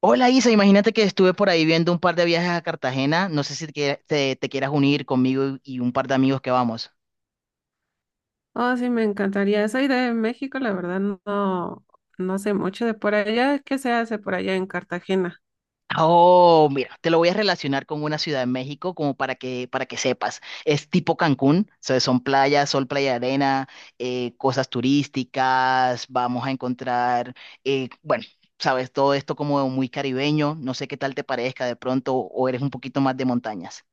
Hola Isa, imagínate que estuve por ahí viendo un par de viajes a Cartagena. No sé si te quieras unir conmigo y un par de amigos que vamos. Oh, sí, me encantaría. Soy de México, la verdad no, no sé mucho de por allá. ¿Qué se hace por allá en Cartagena? Oh, mira, te lo voy a relacionar con una ciudad de México como para que sepas. Es tipo Cancún, o sea, son playas, sol, playa, de arena, cosas turísticas, vamos a encontrar, bueno, sabes, todo esto como muy caribeño. No sé qué tal te parezca de pronto o eres un poquito más de montañas.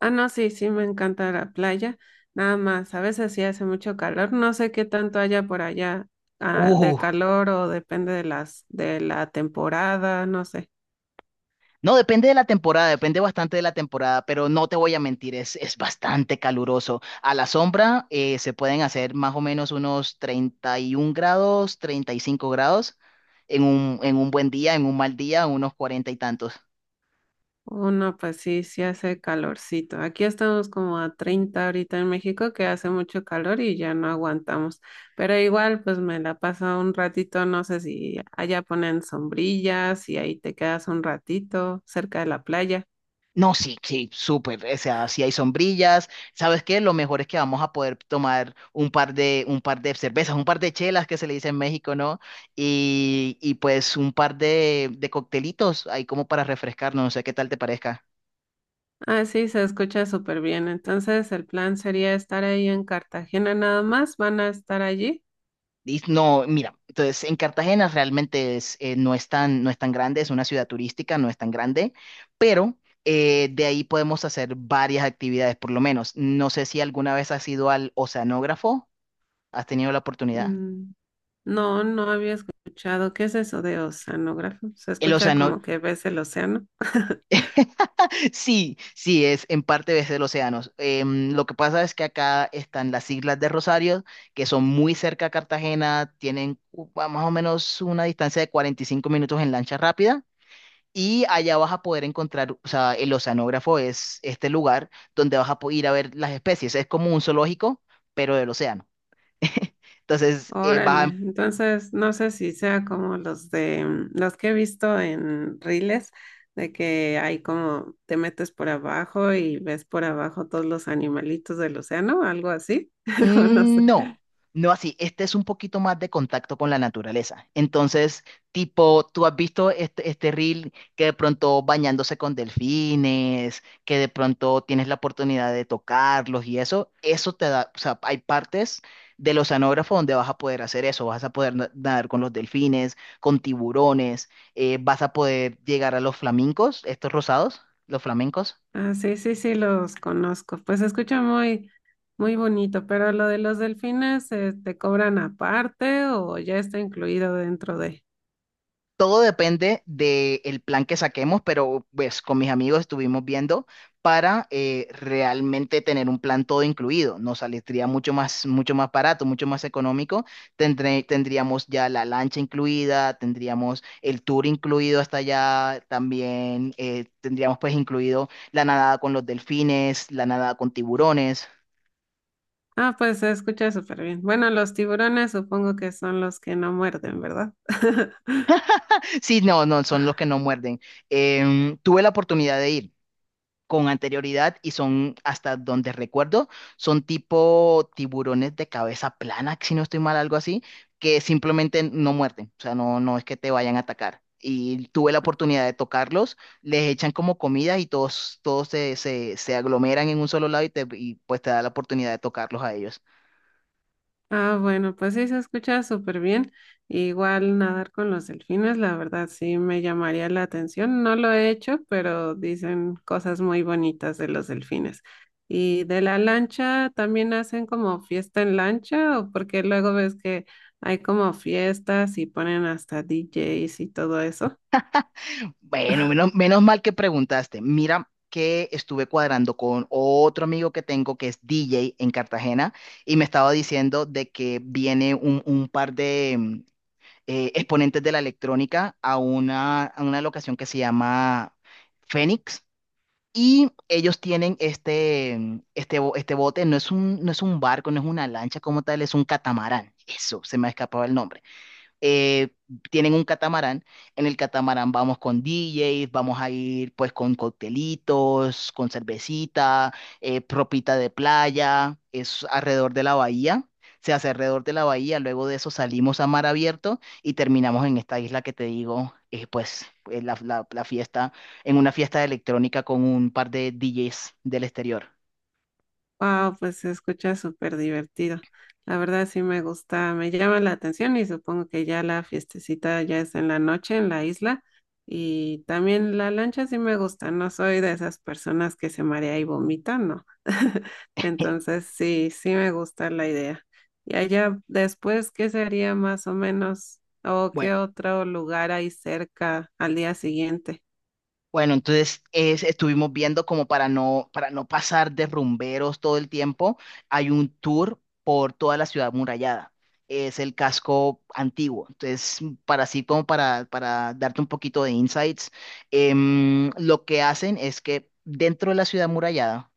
Ah, no, sí, sí, me encanta la playa. Nada más, a veces sí hace mucho calor. No sé qué tanto haya por allá, ah, de calor o depende de la temporada, no sé. No, depende de la temporada, depende bastante de la temporada, pero no te voy a mentir, es bastante caluroso. A la sombra se pueden hacer más o menos unos 31 grados, 35 grados en un buen día, en un mal día, unos cuarenta y tantos. Oh, no, pues sí, sí hace calorcito. Aquí estamos como a 30 ahorita en México, que hace mucho calor y ya no aguantamos. Pero igual, pues me la paso un ratito, no sé si allá ponen sombrillas y ahí te quedas un ratito cerca de la playa. No, sí, sí, súper. O sea, si hay sombrillas, ¿sabes qué? Lo mejor es que vamos a poder tomar un par de cervezas, un par de chelas que se le dice en México, ¿no? Y pues un par de coctelitos ahí como para refrescarnos, no sé qué tal te parezca. Ah, sí, se escucha súper bien. Entonces, el plan sería estar ahí en Cartagena nada más. ¿Van a estar allí? No, mira, entonces en Cartagena realmente es, no es tan grande, es una ciudad turística, no es tan grande, pero de ahí podemos hacer varias actividades, por lo menos. No sé si alguna vez has ido al oceanógrafo, has tenido la oportunidad. Mm, no, no había escuchado. ¿Qué es eso de oceanógrafo? Se El escucha océano, como que ves el océano. sí, sí, es en parte desde los océanos. Lo que pasa es que acá están las Islas de Rosario, que son muy cerca a Cartagena, tienen más o menos una distancia de 45 minutos en lancha rápida. Y allá vas a poder encontrar, o sea, el oceanógrafo es este lugar donde ir a ver las especies. Es como un zoológico, pero del océano. Entonces, Órale, vas a... entonces no sé si sea como los de los que he visto en reels, de que hay como te metes por abajo y ves por abajo todos los animalitos del océano, algo así, o no sé. No, no así. Este es un poquito más de contacto con la naturaleza. Entonces, tipo, tú has visto este reel que de pronto bañándose con delfines, que de pronto tienes la oportunidad de tocarlos y eso te da, o sea, hay partes del oceanógrafo donde vas a poder hacer eso. Vas a poder nadar con los delfines, con tiburones, vas a poder llegar a los flamencos, estos rosados, los flamencos. Ah, sí, sí, sí, los conozco. Pues se escucha muy, muy bonito, pero lo de los delfines, ¿te cobran aparte o ya está incluido dentro de? Todo depende del plan que saquemos, pero pues con mis amigos estuvimos viendo para realmente tener un plan todo incluido. Nos saldría mucho más barato, mucho más económico. Tendríamos ya la lancha incluida, tendríamos el tour incluido hasta allá, también tendríamos pues incluido la nadada con los delfines, la nadada con tiburones. Ah, pues se escucha súper bien. Bueno, los tiburones supongo que son los que no muerden, ¿verdad? Sí, no, no, son los que no muerden. Tuve la oportunidad de ir con anterioridad y son, hasta donde recuerdo, son tipo tiburones de cabeza plana, si no estoy mal, algo así, que simplemente no muerden, o sea, no, no es que te vayan a atacar. Y tuve la oportunidad de tocarlos, les echan como comida y todos, todos se aglomeran en un solo lado y, te, y pues te da la oportunidad de tocarlos a ellos. Ah, bueno, pues sí, se escucha súper bien. Igual nadar con los delfines, la verdad sí me llamaría la atención. No lo he hecho, pero dicen cosas muy bonitas de los delfines. Y de la lancha, ¿también hacen como fiesta en lancha? ¿O porque luego ves que hay como fiestas y ponen hasta DJs y todo eso? Bueno, menos, menos mal que preguntaste. Mira que estuve cuadrando con otro amigo que tengo que es DJ en Cartagena y me estaba diciendo de que viene un par de exponentes de la electrónica a a una locación que se llama Fénix y ellos tienen este bote, no es no es un barco, no es una lancha como tal, es un catamarán. Eso, se me ha escapado el nombre. eh, Tienen un catamarán. En el catamarán vamos con DJs, vamos a ir pues con coctelitos, con cervecita, propita de playa, es alrededor de la bahía. Se hace alrededor de la bahía, luego de eso salimos a mar abierto y terminamos en esta isla que te digo, la fiesta, en una fiesta electrónica con un par de DJs del exterior. Wow, pues se escucha súper divertido. La verdad sí me gusta, me llama la atención y supongo que ya la fiestecita ya es en la noche en la isla y también la lancha sí me gusta, no soy de esas personas que se marea y vomitan, no. Entonces sí, sí me gusta la idea. Y allá después, ¿qué sería más o menos o qué Bueno. otro lugar hay cerca al día siguiente? Bueno, estuvimos viendo como para no pasar de rumberos todo el tiempo, hay un tour por toda la ciudad murallada. Es el casco antiguo. Entonces, para así como para darte un poquito de insights, lo que hacen es que dentro de la ciudad murallada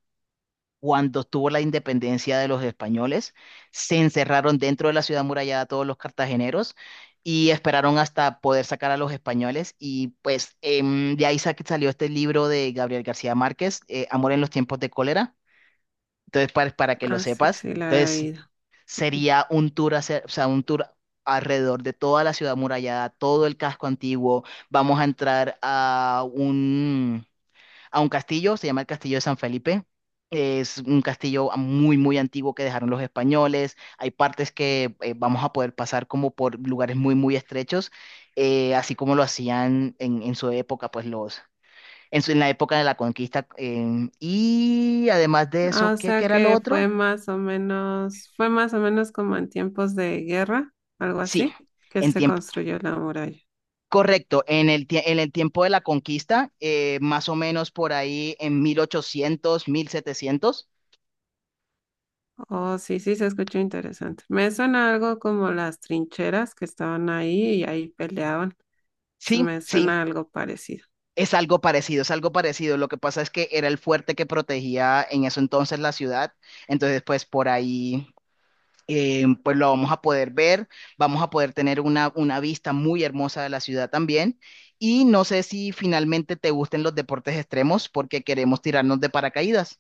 cuando tuvo la independencia de los españoles, se encerraron dentro de la ciudad amurallada todos los cartageneros y esperaron hasta poder sacar a los españoles. Y pues de ahí salió este libro de Gabriel García Márquez, Amor en los tiempos de cólera. Entonces, para que lo Ah, sí, sepas, sí, la he entonces oído. sería un tour, hacer, o sea, un tour alrededor de toda la ciudad amurallada, todo el casco antiguo. Vamos a entrar a un castillo, se llama el Castillo de San Felipe. Es un castillo muy, muy antiguo que dejaron los españoles. Hay partes que vamos a poder pasar como por lugares muy, muy estrechos, así como lo hacían en su época, pues los, en la época de la conquista. Y además de Ah, eso, o ¿qué, qué sea era lo que fue otro? más o menos, fue más o menos como en tiempos de guerra, algo Sí, así, que en se tiempo. construyó la muralla. Correcto, en el tiempo de la conquista, más o menos por ahí en 1800 1700. Oh, sí, sí, se escuchó interesante. Me suena algo como las trincheras que estaban ahí y ahí peleaban. Se Sí, me sí, suena algo parecido. es algo parecido, es algo parecido. Lo que pasa es que era el fuerte que protegía en eso entonces la ciudad. Entonces, pues por ahí, pues lo vamos a poder ver. Vamos a poder tener una vista muy hermosa de la ciudad también. Y no sé si finalmente te gusten los deportes extremos porque queremos tirarnos de paracaídas.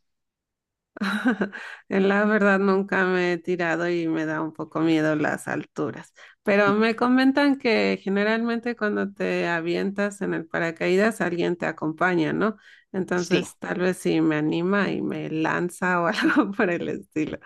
La verdad nunca me he tirado y me da un poco miedo las alturas, pero me comentan que generalmente cuando te avientas en el paracaídas alguien te acompaña, ¿no? Sí, Entonces tal vez sí me anima y me lanza o algo por el estilo.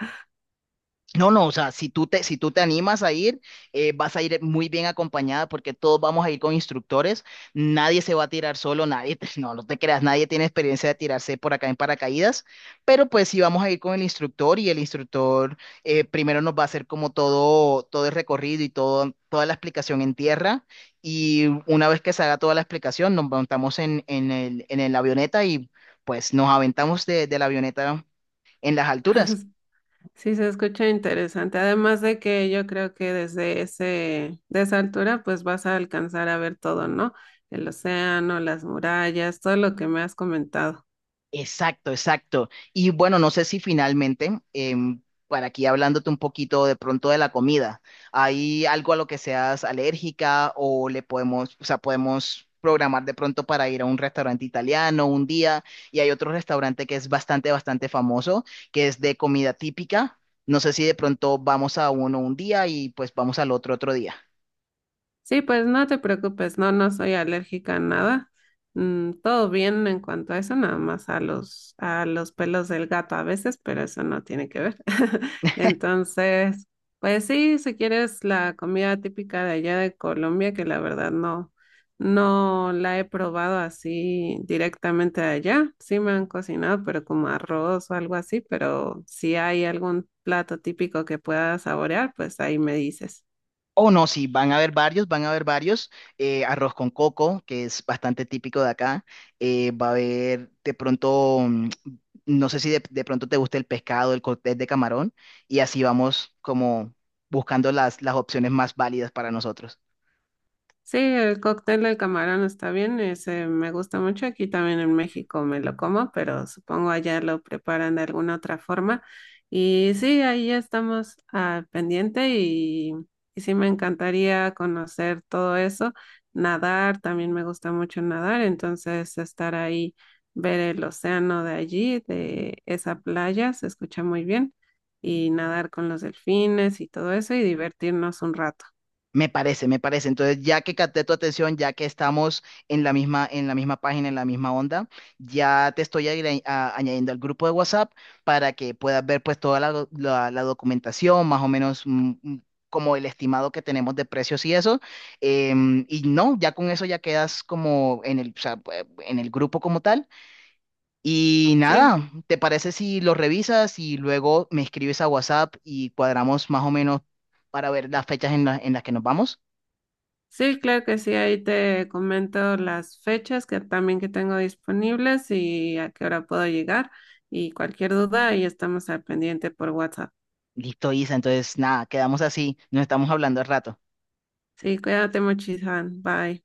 no, no, o sea, si tú te animas a ir, vas a ir muy bien acompañada porque todos vamos a ir con instructores, nadie se va a tirar solo, nadie, no, no te creas, nadie tiene experiencia de tirarse por acá en paracaídas, pero pues sí vamos a ir con el instructor y el instructor primero nos va a hacer como todo, todo el recorrido y todo, toda la explicación en tierra y una vez que se haga toda la explicación nos montamos en el avioneta y pues nos aventamos de la avioneta en las alturas. Sí, se escucha interesante. Además de que yo creo que desde ese, de esa altura pues vas a alcanzar a ver todo, ¿no? El océano, las murallas, todo lo que me has comentado. Exacto, exacto. Y bueno, no sé si finalmente, para aquí hablándote un poquito de pronto de la comida, ¿hay algo a lo que seas alérgica o le podemos, o sea, podemos programar de pronto para ir a un restaurante italiano un día? Y hay otro restaurante que es bastante, bastante famoso, que es de comida típica. No sé si de pronto vamos a uno un día y pues vamos al otro otro día. Sí, pues no te preocupes, no, no soy alérgica a nada. Todo bien en cuanto a eso, nada más a los pelos del gato a veces, pero eso no tiene que ver. Entonces, pues sí, si quieres la comida típica de allá de Colombia, que la verdad no, no la he probado así directamente de allá. Sí me han cocinado, pero como arroz o algo así, pero si hay algún plato típico que pueda saborear, pues ahí me dices. Oh, no, sí, van a haber varios, van a haber varios. Arroz con coco, que es bastante típico de acá. Va a haber de pronto, no sé si de pronto te gusta el pescado, el cóctel de camarón, y así vamos como buscando las opciones más válidas para nosotros. Sí, el cóctel de camarón está bien, ese me gusta mucho. Aquí también en México me lo como, pero supongo allá lo preparan de alguna otra forma. Y sí, ahí estamos al pendiente y sí me encantaría conocer todo eso. Nadar, también me gusta mucho nadar, entonces estar ahí, ver el océano de allí, de esa playa, se escucha muy bien. Y nadar con los delfines y todo eso y divertirnos un rato. Me parece, me parece. Entonces, ya que capté tu atención, ya que estamos en la misma página, en la misma onda, ya te estoy añadiendo al grupo de WhatsApp para que puedas ver pues toda la, la documentación, más o menos como el estimado que tenemos de precios y eso. Y no, ya con eso ya quedas como en el, o sea, pues, en el grupo como tal. Y Sí, nada, ¿te parece si lo revisas y luego me escribes a WhatsApp y cuadramos más o menos para ver las fechas en las que nos vamos? sí, claro que sí, ahí te comento las fechas que también que tengo disponibles y a qué hora puedo llegar y cualquier duda ahí estamos al pendiente por WhatsApp. Listo, Isa. Entonces, nada, quedamos así. Nos estamos hablando al rato. Sí, cuídate mucho, Ihan. Bye.